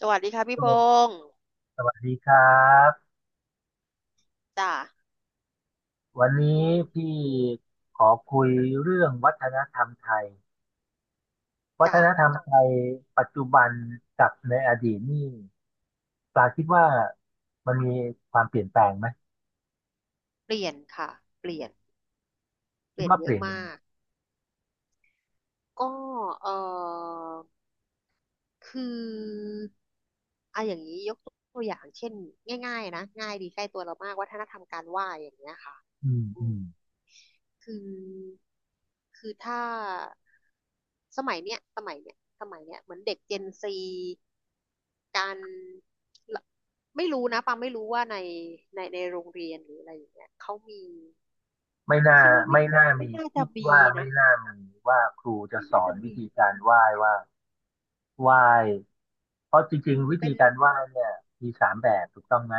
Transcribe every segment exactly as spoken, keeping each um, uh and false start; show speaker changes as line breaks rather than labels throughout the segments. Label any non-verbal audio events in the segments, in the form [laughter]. สวัสดีค่ะพี่พ
โจ
งศ์
สวัสดีครับ
จ้า
วันนี้
อืม
พี่ขอคุยเรื่องวัฒนธรรมไทยวั
จ้า
ฒนธรรมไทยปัจจุบันกับในอดีตนี่ปลาคิดว่ามันมีความเปลี่ยนแปลงไหม
เปลี่ยนค่ะเปลี่ยนเป
คิด
ลี่ยน
ว่า
เย
เป
อะ
ลี่ยนยังไง
มากก็เออคืออ่ะอย่างนี้ยกตัวอย่างเช่นง่ายๆนะง่ายดีใกล้ตัวเรามากวัฒนธรรมการไหว้อย่างเงี้ยค่ะ
อืม
อื
อื
ม
ม
คือคือถ้าสมัยเนี้ยสมัยเนี้ยสมัยเนี้ยเหมือนเด็กเจนซีการละไม่รู้นะปังไม่รู้ว่าในในในโรงเรียนหรืออะไรอย่างเงี้ยเขามี
ไม่น่า
คิดว่าไม่
ไม่
น่าจะ
น่า
ไม่
มี
น่าจะ
คิด
มี
ว่าไม่
นะ
น่ามีว่าครูจะ
ไม่
ส
น่า
อน
จะ
วิ
มี
ธีการไหว้ว่าไหว้เพราะจริงๆวิ
เป็
ธี
น
การไหว้เนี่ยมีสามแบบถูกต้องไหม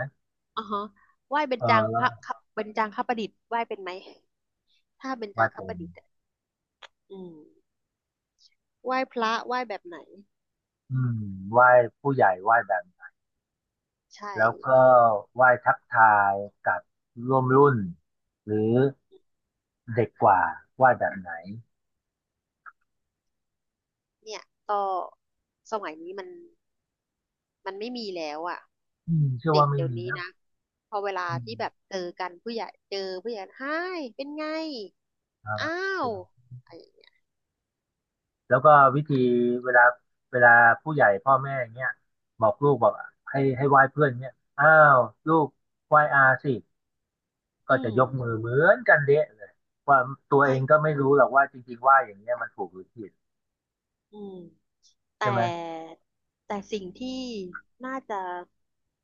อ๋อฮะไหว้เบญ
เอ
จางพระ
อ
ครับเบญจางคประดิษฐ์ไหว้เป็นไหมถ้าเบญ
ไหว้
จางค
กล
ประ
ม
ดิษฐ์อะอืมไหว้พระไหว้แบบไหน
อืมไหว้ผู้ใหญ่ไหว้แบบ
ใช่
แล้วก็ไหว้ทักทายกับร่วมรุ่นหรือเด็กกว่าไหว้แบบไหน
เนี่ยก็สมัยนี้มันมันไม่มีแล้วอ่ะ
อืมเชื่อ
เด็
ว่า
ก
ไม่
เดี๋ยว
มี
นี้
นะ
นะพอเวลา
อื
ที่แบบ
ม
เจอกันผู้ใหญ่เจอผู้ใหญ่ไฮเป็นไง
ครับ
อ้า
เป็
ว
น
อะไรอย่างเงี้ย
แล้วก็วิธีเวลาเวลาผู้ใหญ่พ่อแม่เงี้ยบอกลูกบอกให้ให้ไหว้เพื่อนเงี้ยอ้าวลูกไหว้อาสิ
อื
ก็จะ
ม
ยกมือเหมือนกันเดะเลยว่าตัวเอ
ใช่
งก็ไม่รู้หรอกว่าจริงๆไหว้อย่างเงี้ยมันถูกหรือผิด
อืม แต่
ใช่ไหม
แต่สิ่งที่น่าจะ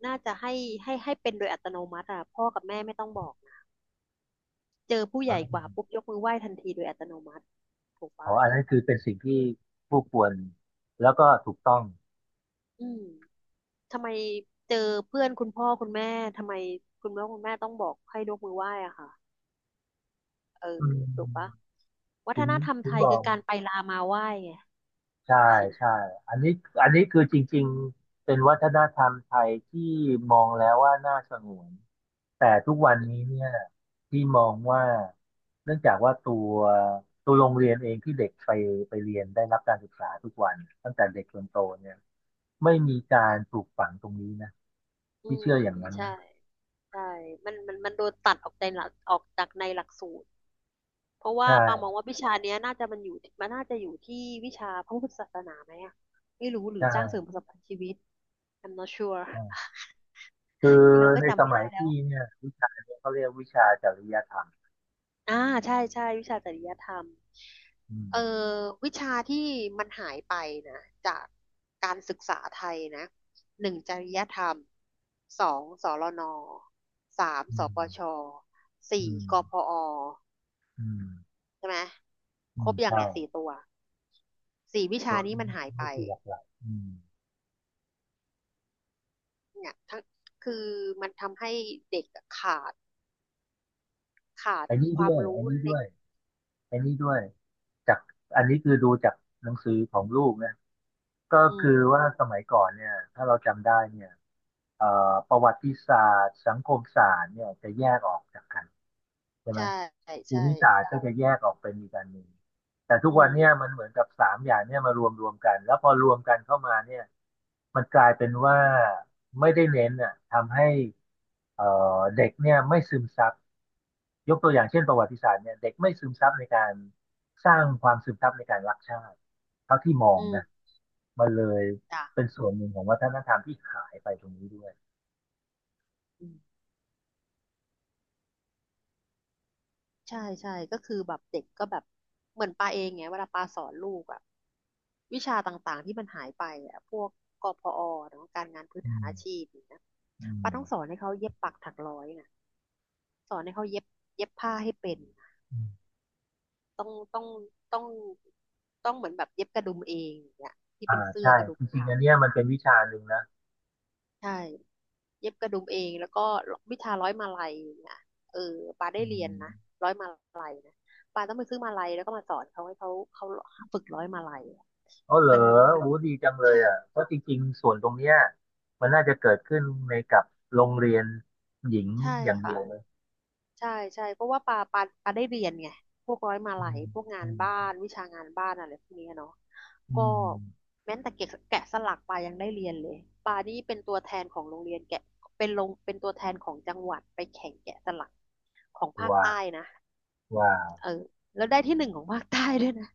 น่าจะให้ให้ให้เป็นโดยอัตโนมัติอ่ะพ่อกับแม่ไม่ต้องบอกนะเจอผู้
ค
ใหญ่ก
รับ
ว่าปุ๊บยกมือไหว้ทันทีโดยอัตโนมัติถูก
อ๋อ
ปะ
อันนั้นคือเป็นสิ่งที่ผู้ควรแล้วก็ถูกต้อง
อืมทำไมเจอเพื่อนคุณพ่อคุณแม่ทำไมคุณพ่อคุณแม่ต้องบอกให้ยกมือไหว้อ่ะค่ะเออ
อืม
ถูกปะวั
ถึ
ฒ
ง
นธรรม
ถึ
ไท
งบ
ย
อ
คือ
ก
การไปลามาไหว้ไง
ใช่ใช่อันนี้อันนี้คือจริงๆเป็นวัฒนธรรมไทยที่มองแล้วว่าน่าสงวนแต่ทุกวันนี้เนี่ยที่มองว่าเนื่องจากว่าตัวตัวโรงเรียนเองที่เด็กไปไปเรียนได้รับการศึกษาทุกวันตั้งแต่เด็กจนโตเนี่ยไม่มีการปลูกฝังตรงนี้นะ
อื
พี่
ม
เชื่ออย่างนั้น
ใช่
นะ
ใช่มันมันมันโดนตัดออกใจหลักออกจากในหลักสูตร เพราะว่า
ใช่
ปามองว่าวิชาเนี้ยน่าจะมันอยู่มันน่าจะอยู่ที่วิชาพระพุทธศาสนาไหมอะไม่รู้หรือ
ใช่
สร้างเสริมประสบการณ์ชีวิต I'm not sure
ใช่คือ
[laughs] ที่เราก็
ในส
จำไม่
มัย
ได้แล้ว
พี่เนี่ยวิชาเนี่ยเขาเรียกวิชาจริยธรรม
อ่าใช่ใช่วิชาจริยธรรม
อืม
เออวิชาที่มันหายไปนะจากการศึกษาไทยนะหนึ่งจริยธรรมสองสรนสาม
อื
ส
ม
ปชสี่
อืม
กพอ
อืม
ใช่ไหม
อื
คร
ม
บยัง
ใช่
เนี่ยสี่ตัวสี่วิ
ตั
ชา
ว
นี้มัน
นี่
หายไป
คือหลักๆอืม
เนี่ยทั้งคือมันทำให้เด็กอะขาดขาด
ไอ้นี่
ค
ด้
วาม
วยไอ้
รู้
นี่
เล
ด้
ย
วยไอ้นี่ด้วยจากอันนี้คือดูจากหนังสือของลูกนะก็
อืม
คือว่าสมัยก่อนเนี่ยถ้าเราจำได้เนี่ยเอ่อประวัติศาสตร์สังคมศาสตร์เนี่ยจะแยกออกจากกันใช่ไหม
ใช่
ภู
ใช่
มิศาสตร์ก็จะแยกออกเป็นอีกอันหนึ่งแต่ทุก
อื
วัน
ม
เนี่ยมันเหมือนกับสามอย่างเนี่ยมารวมรวมกันแล้วพอรวมกันเข้ามาเนี่ยมันกลายเป็นว่าไม่ได้เน้นอ่ะทำให้เอ่อเด็กเนี่ยไม่ซึมซับ ยกตัวอย่างเช่นประวัติศาสตร์เนี่ยเด็กไม่ซึมซับในการสร้างความซึมซับในการรักชาติเท่าที่มอง
อื
นะ
ม
มันเลย
จ้ะ
เป็นส่วนหนึ่งของวัฒนธรรมที่หายไปตรงนี้ด้วย
อืมใช่ใช่ก็คือแบบเด็กก็แบบเหมือนปาเองไงเวลาปาสอนลูกอะวิชาต่างๆที่มันหายไปอะพวกกพอเนาะการงานพื้น
อื
ฐาน
ม
อาชีพอย่างเงี้ย
อืม
ปาต้องสอนให้เขาเย็บปักถักร้อยนะสอนให้เขาเย็บเย็บผ้าให้เป็น
อืม
ต้องต้องต้องต้องเหมือนแบบเย็บกระดุมเองอย่างเงี้ยที่
อ่า
เป็นเสื้อ
ใช่
กระดุ
จ
ม
ริง
ขา
ๆ
ว
อันเนี้ยมันเป็นวิชาหนึ่งนะ
ใช่เย็บกระดุมเองแล้วก็วิชาร้อยมาลัยเนี่ยเออปาได้
อื
เรียน
ม
นะร้อยมาลัยนะปาต้องไปซื้อมาลัยแล้วก็มาสอนเขาให้เขาเขาฝึกร้อยมาลัยอะ
อ๋อเหรอ
มันมัน
โอ้ดีจังเลย
ใช่
อ่ะเพราะจริงๆส่วนตรงเนี้ยมันน่าจะเกิดขึ้นในกับโรงเรียนหญิง
ใช่
อย่างเดี
ค่ะ
ยวเลย
ใช่ใช่เพราะว่าปาปาปาได้เรียนไงพวกร้อยมา
อื
ลัย
ม
พวกงา
อื
นบ้า
ม
นวิชางานบ้านอะไรพวกเนี้ยเนาะ
อื
ก็
ม
แม้แต่แกะแกะสลักปายังได้เรียนเลยปานี่เป็นตัวแทนของโรงเรียนแกะเป็นลงเป็นตัวแทนของจังหวัดไปแข่งแกะสลักของภาค
ว้าว
ใต้นะ
ว้าว
เออแล้วได้ที่หนึ่งของภาคใต้ด้วยนะ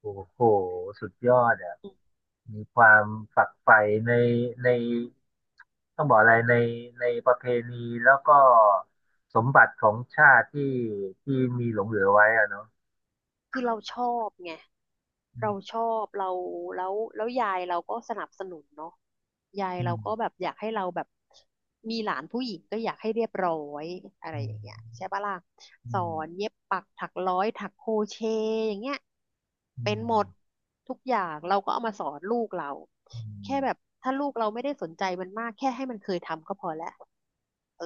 โอ้โหสุดยอดอ่ะ
อื
มีความฝักใฝ่ในในต้องบอกอะไรในในประเพณีแล้วก็สมบัติของชาติที่ที่มีหลงเหลือไว้อะเนาะ
คือเราชอบไง
อื
เราช
ม
อบเราแล้วแล้วยายเราก็สนับสนุนเนาะยายเราก็แบ
อ
บอยากให้เราแบบมีหลานผู้หญิงก็อยากให้เรียบร้อยอะไร
ื
อ
ม
ย่างเงี้ยใช่ปะล่ะ
อื
สอ
ม
นเย็บปักถักร้อยถักโครเชต์อย่างเงี้ย
อื
เป็นหมด
ม
ทุกอย่างเราก็เอามาสอนลูกเรา
อืมอื
แค่
ม
แบบถ้าลูกเราไม่ได้สนใจมันมากแค่ให้มันเคยทำก็พอแล้วเออ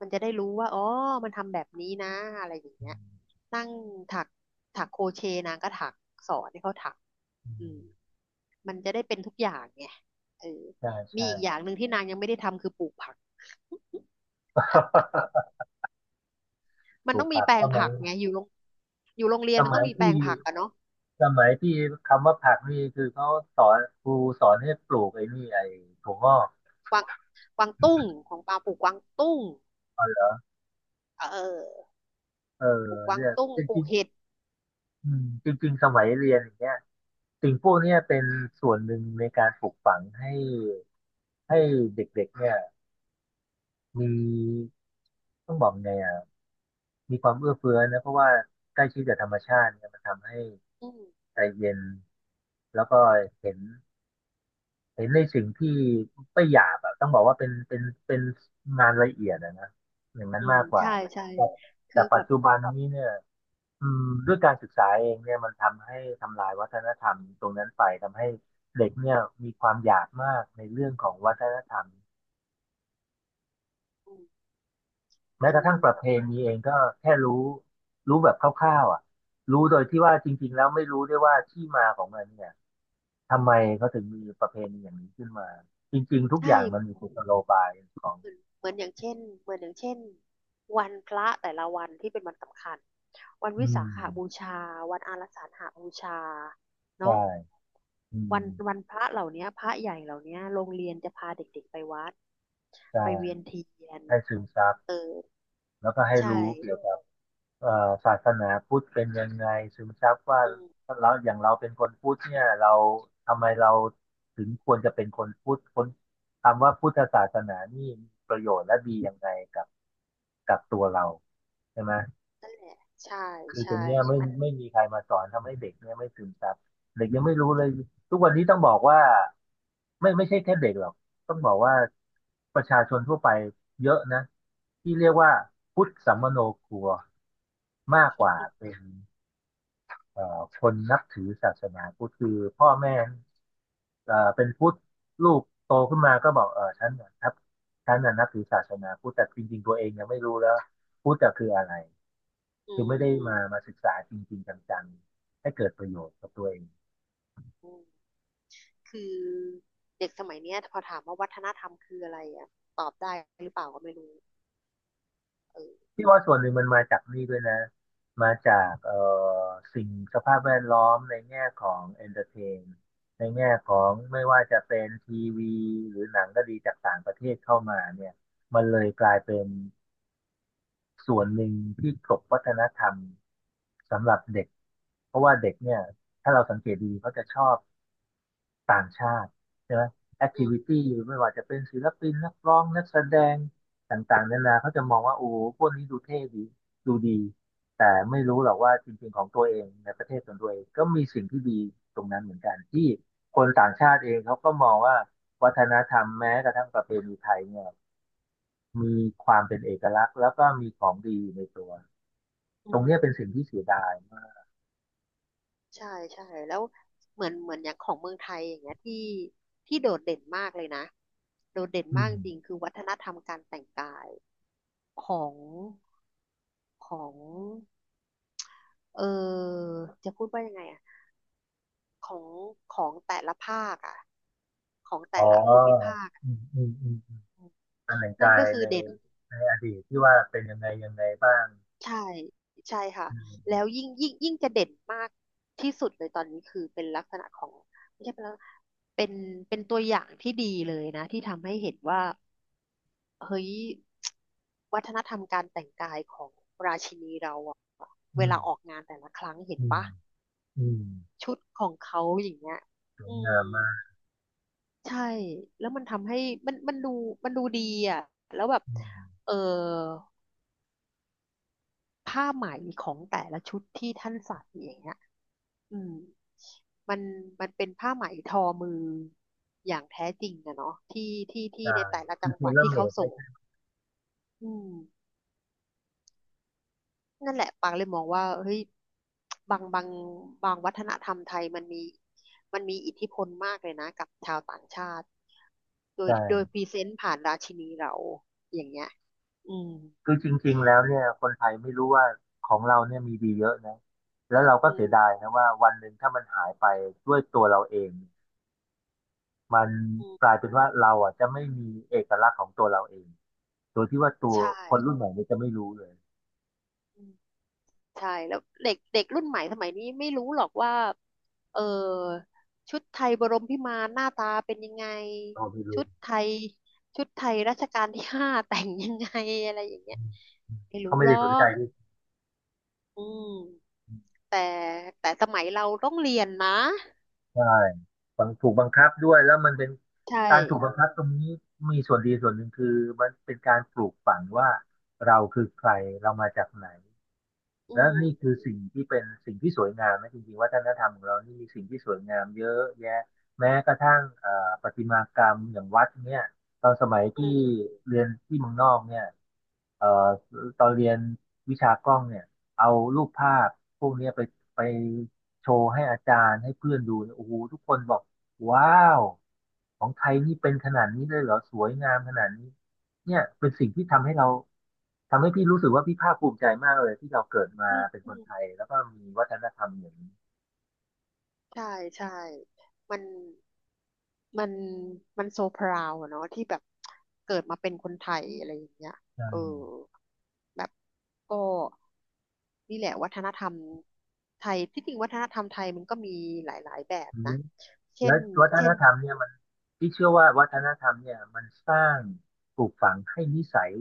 มันจะได้รู้ว่าอ๋อมันทำแบบนี้นะอะไรอย่างเงี้ย นั่งถักถักโครเชต์นางก็ถักสอนให้เขาถักอืมมันจะได้เป็นทุกอย่างไงเออ
ใช่
มี
ใช่
อีกอย่างหนึ่งที่นางยังไม่ได้ทำคือปลูกผัก
ป
มัน
ลู
ต้
ก
องมี
ผัก
แปล
ส
ง
มั
ผั
ย
กไงอยู่โรงอยู่โรงเรีย
ส
นมันต้
มั
อ
ย
งมีแปล
ที่
งผักอะเนาะ
สมัยที่คำว่าผักนี่คือเขาสอนครูสอนให้ปลูกไอ้นี่ไอ้ถั่วงอก
กวางกวางตุ้งของปาปลูกกวางตุ้ง
อ๋อเหรอ
เออ
เออ
ปลูกกวาง
เรียก
ตุ้งป
จ
ลู
ริ
ก
ง
เห็ด
ๆอืมจริงๆสมัยเรียนอย่างเงี้ย สิ่งพวกเนี้ยเป็นส่วนหนึ่งในการปลูกฝังให้ให้เด็กๆเนี่ยมีต้องบอกไงอ่ะมีความเอื้อเฟื้อนะเพราะว่าใกล้ชิดกับธรรมชาติเนี่ยมันทำให้
อืม
ใจเย็นแล้วก็เห็นเห็นในสิ่งที่ไม่หยาบอะต้องบอกว่าเป็นเป็นเป็นงานละเอียดอะนะอย่างนั้น
อืม
มากกว่า
ใช่ใช่
แต่
คื
แต่
อแบ
ปัจ
บ
จุบันนี้เนี่ย อืมด้วยการศึกษาเองเนี่ยมันทำให้ทำลายวัฒนธรรมตรงนั้นไปทำให้เด็กเนี่ยมีความอยากมากในเรื่องของวัฒนธรรม
อืม
แม้
มั
ก
น
ระทั่งประเพณีเองก็แค่รู้รู้แบบคร่าวๆอ่ะรู้โดยที่ว่าจริงๆแล้วไม่รู้ด้วยว่าที่มาของมันเนี่ยทำไมเขาถึงมีประเพณีอย่างนี้ขึ้นมาจริงๆทุกอ
ใช่
ย่างมันมีกุศโลบายของ
เหมือนเหมือนอย่างเช่นเหมือนอย่างเช่นวันพระแต่ละวันที่เป็นวันสำคัญวัน
อื
วิสา
ม
ขบูชาวันอารัสาฬหบูชาเนาะ
ใช่อืม
วันวันพระเหล่าเนี้ยพระใหญ่เหล่าเนี้ยโรงเรียนจะพาเด็กๆไปวัดไปเวีย
ใช่
นเทียน
ให้ซึมซับ
เออ
แล้วก็ให้
ใช่
รู้เกี่ยวกับ เอ่อศาสนาพุทธเป็นยังไงซึมซับว่า
อืม
เราอย่างเราเป็นคนพุทธเนี่ยเราทำไมเราถึงควรจะเป็นคนพุทธคนคำว่าพุทธศาสนานี่มีประโยชน์และดียังไงกับกับตัวเราใช่ไหม
นั่นแหละใช่
คือตร
ใช่
งเนี้ยไม่
มัน
ไม่มีใครมาสอนทำให้เด็กเนี่ยไม่ซึมซับเด็กยังไม่รู้เลยทุกวันนี้ต้องบอกว่าไม่ไม่ใช่แค่เด็กหรอกต้องบอกว่าประชาชนทั่วไปเยอะนะที่เรียกว่าพุทธสัมมโนครัวมากกว่าเป็น เอ่อคนนับถือศาสนาพุทธคือพ่อแม่เอ่อเป็นพุทธลูกโตขึ้นมาก็บอกเออฉันน่ะนับฉันน่ะนับถือศาสนาพุทธแต่จริงๆตัวเองยังไม่รู้แล้วพุทธะคืออะไร
อื
คือ
ม
ไม่ได้
อืม
มามาศึกษาจริงๆจังๆให้เกิดประโยชน์กับตัวเอง
อืมคือเด็กสมัยเนี้ยพอถามว่าวัฒนธรรมคืออะไรอ่ะตอบได้หรือเปล่าก็ไม่รู้เออ
ที่ว่าส่วนหนึ่งมันมาจากนี่ด้วยนะมาจากเอ่อสิ่งสภาพแวดล้อมในแง่ของเอนเตอร์เทนในแง่ของไม่ว่าจะเป็นทีวีหรือหนังก็ดีจากต่างประเทศเข้ามาเนี่ยมันเลยกลายเป็น ส่วนหนึ่งที่กลบวัฒนธรรมสำหรับเด็กเพราะว่าเด็กเนี่ยถ้าเราสังเกตดีเขาจะชอบต่างชาติใช่ไหมแอค
อื
ทิ
ม
วิตี้ไม่ว่าจะเป็นศิลปินนักร้องนักแสดงต่างๆนานาเขาจะมองว่าโอ้โหพวกนี้ดูเท่ดีดูดีแต่ไม่รู้หรอกว่าจริงๆของตัวเองในประเทศของตัวเองก็มีสิ่งที่ดีตรงนั้นเหมือนกันที่คนต่างชาติเองเขาก็มองว่าวัฒนธรรมแม้กระทั่งประเพณีไทยเนี่ยมีความเป็นเอกลักษณ์แล้วก็มีของดีในตัว
อื
ตรงเนี้ยเป็
ม
นสิ่งที่เสียดายมาก
ใช่ใช่แล้วเหมือนเหมือนอย่างของเมืองไทยอย่างเงี้ยที่ที่โดดเด่นมากเลยนะโดดเด่น
อื
มาก
ม
จริงคือวัฒนธรรมการแต่งกายของของเออจะพูดว่ายังไงอ่ะของของแต่ละภาคอ่ะของ
อ๋
แต่
อ
ละภูมิภาคอะ
อืมอืมอืม
อืม
การแต่ง
นั่
กา
น
ย
ก็คือ
ใน
เด่น
ในอดีตที่ว่าเป็นยังไงยังไงบ้าง
ใช่ใช่ค่ะ
อื
แล้ว
ม
ยิ่งยิ่งยิ่งจะเด่นมากที่สุดเลยตอนนี้คือเป็นลักษณะของไม่ใช่เป็นลักษณะเป็นเป็นตัวอย่างที่ดีเลยนะที่ทำให้เห็นว่า เฮ้ย [tsk] วัฒนธรรมการแต่งกายของราชินีเราอะเว
อื
ลา
ม
ออกงานแต่ละครั้งเห็น
อืม
ปะ
อืม
ชุดของเขาอย่างเงี้ย
สวย
อื
งาม
ม
มาก
ใช่แล้วมันทำให้มันมันดูมันดูดีอะแล้วแบบ
อืม
เออผ้าไหมของแต่ละชุดที่ท่านใส่อย่างเงี้ยอืมมันมันเป็นผ้าไหมทอมืออย่างแท้จริงอะเนาะที่ที่ที่
ใช่
ในแต่ละ
คื
จั
อ
ง
เซ
หวัด
รั่ม
ที่
เม
เขา
ด
ส่
ไม่
ง
ใช่
อืม นั่นแหละปางเลยมองว่าเฮ้ยบางบางบางวัฒนธรรมไทยมันมีมันมีอิทธิพลมากเลยนะกับชาวต่างชาติโดย
ใช่
โดยพรีเซนต์ผ่านราชินีเราอย่างเงี้ยอืม
คือจริงๆแล้วเนี่ยคนไทยไม่รู้ว่าของเราเนี่ยมีดีเยอะนะแล้วเราก็
อื
เสีย
ม
ดายนะว่าวันหนึ่งถ้ามันหายไปด้วยตัวเราเอง มัน
อื
ก
ม
ลายเป็นว่าเราอ่ะจะไม่มีเอกลักษณ์ของตัวเราเองโดยที่ว่าตัว
ใช่
คนรุ่นใหม่เนี่ยจะไม่รู้เลย
อืมใช่แล้วเด็กเด็กรุ่นใหม่สมัยนี้ไม่รู้หรอกว่าเออชุดไทยบรมพิมานหน้าตาเป็นยังไง
เราไม่รู้
ชุดไทยชุดไทยรัชกาลที่ห้า [laughs] แต่งยังไงอะไรอย่างเงี้ยไม่
เขา
รู้
ไม่
หร
ได้
อ
สนใจ
ก
ด้วย
อืม แต่แต่สมัยเราต้องเรียนนะ
ใช่บังถูกบังคับด้วย แล้วมันเป็น
ใช่
การถูกบังคับตรงนี้ มีส่วนดีส่วนหนึ่งคือมันเป็นการปลูกฝังว่าเราคือใครเรามาจากไหน
อื
แล้ว
ม
นี่คือสิ่งที่เป็นสิ่งที่สวยงามนะจริงๆวัฒนธรรมของเรานี่มีสิ่งที่สวยงามเยอะแยะแม้กระทั่งเอ่อประติมากรรมอย่างวัดเนี่ยตอนสมัย
อื
พี่
ม
เรียนที่เมืองนอกเนี่ยเอ่อตอนเรียนวิชากล้องเนี่ยเอารูปภาพพวกเนี้ยไปไปโชว์ให้อาจารย์ให้เพื่อนดูเนี่ยโอ้โหทุกคนบอกว้าวของไทยนี่เป็นขนาดนี้เลยเหรอสวยงามขนาดนี้เนี่ยเป็นสิ่งที่ทำให้เรา ทำให้พี่รู้สึกว่าพี่ภาคภูมิใจมากเลยที่เราเกิดมา
อืม
เป็น
อื
คน
ม
ไทยแล้วก็มีวัฒนธรรมอย่างนี้
ใช่ใช่มันมันมันโซพราวอะเนาะที่แบบเกิดมาเป็นคนไทยอะไรอย่างเงี้ย
ใช่
เออแบบก็นี่แหละวัฒนธรรมไทยที่จริงวัฒนธรรมไทยมันก็มีหลายๆแบบนะเช่
แล้
น
ววัฒ
เช่
น
น
ธรรมเนี่ยมันพี่เชื่อว่าวัฒนธรรมเนี่ยมันสร้างปลูกฝังให้นิสัย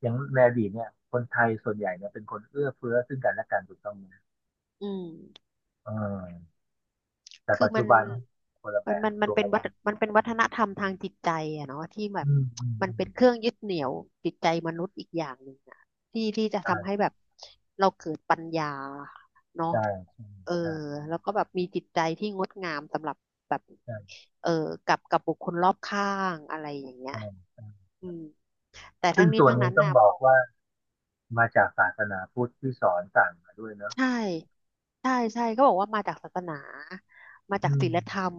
อย่างในอดีตเนี่ยคนไทยส่วนใหญ่เนี่ยเป็นคนเอื้อเฟื้อซึ่งกันและกันถูกต้องไหม
อืม
เออแต่
คือ
ปัจ
มั
จุ
น
บันคนละแบ
มัน
บ
มันมัน
ตัว
เป็น
กั
วัฒ
น
มันเป็นวัฒนธรรมทางจิตใจอะเนาะที่แบบ
อืมอืม
มัน
อืม
เป็นเครื่องยึดเหนี่ยวจิตใจมนุษย์อีกอย่างหนึ่งอะที่ที่จะ
ใช่
ทำให้แบบเราเกิดปัญญาเนาะ
ใช่
เออ
ใช่
แล้วก็แบบมีจิตใจที่งดงามสำหรับแบบ
ใช่
เออกับกับบุคคลรอบข้างอะไรอย่างเงี้ย
ใช่ใช่
อืมแต่
ซึ่
ทั้
ง
งนี้
ส่วน
ทั้ง
หนึ่ง
นั้น
ต้อง
นะ
บอกว่ามาจากศาสนาพุทธที่สอนสั่งมาด้วยเนอะ
ใช่ใช่ใช่ก็บอกว่ามาจากศาสนามาจา
อื
ก
ม
ศีลธรรม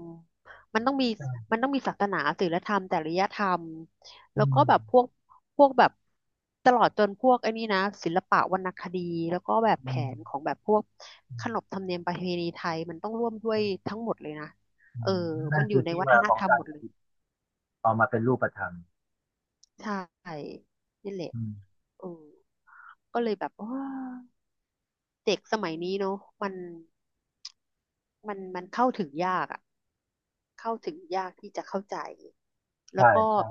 มันต้องมี
ใช่
มันต้องมีศาสนาศีลธรรมจริยธรรม
อื
แล้วก็
ม
แบบพวกพวกแบบตลอดจนพวกไอ้นี่นะศิลปะวรรณคดีแล้วก็แบบ
อื
แผ
ม
นของแบบพวกขนบธรรมเนียมประเพณีไทยมันต้องร่วมด้วยทั้งหมดเลยนะ
อื
เออ
มนั่
มั
น
น
คือที่มาของการปฏิบัติเอามาเป็นรูปธรรม
ใช่นี่แหละ
อืม
เออก็เลยแบบว่าเด็กสมัยนี้เนอะมันมันมันเข้าถึงยากอะ เข้าถึงยากที่จะเข้าใจแล้
ใช่
วก็
ใช่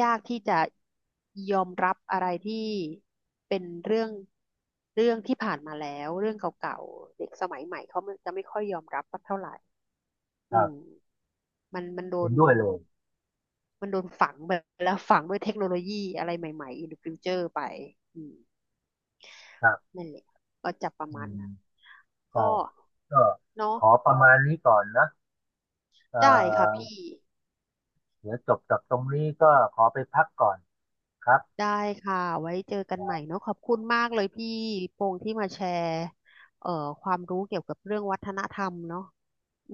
ยากที่จะยอมรับอะไรที่เป็นเรื่องเรื่องที่ผ่านมาแล้วเรื่องเก่าๆเด็กสมัยใหม่เขาจะไม่ค่อยยอมรับสักเท่าไหร่
ค
อื
รั
ม
บ
มันมันโด
เห็น
น
ด้วยเลย
มันโดนฝังไปแล้วฝังด้วยเทคโนโลยีอะไรใหม่ๆ in the future ไปอืม
ครับ
นั่นแหละก็จะประ
อื
มาณ
ม
นั้น
ใช่
ก็
ก็
เนาะ
ขอประมาณนี้ก่อนนะเอ่
ได้ค่ะ
อ
พี่
เดี๋ยวจบจากตรงนี้ก็ขอไปพักก่อนครับ
ได้ค่ะ ไว้เจอกันใหม่เนอะขอบคุณมากเลยพี่พงษ์ที่มาแชร์เอ่อความรู้เกี่ยวกับเรื่องวัฒนธรรมเนอะอืม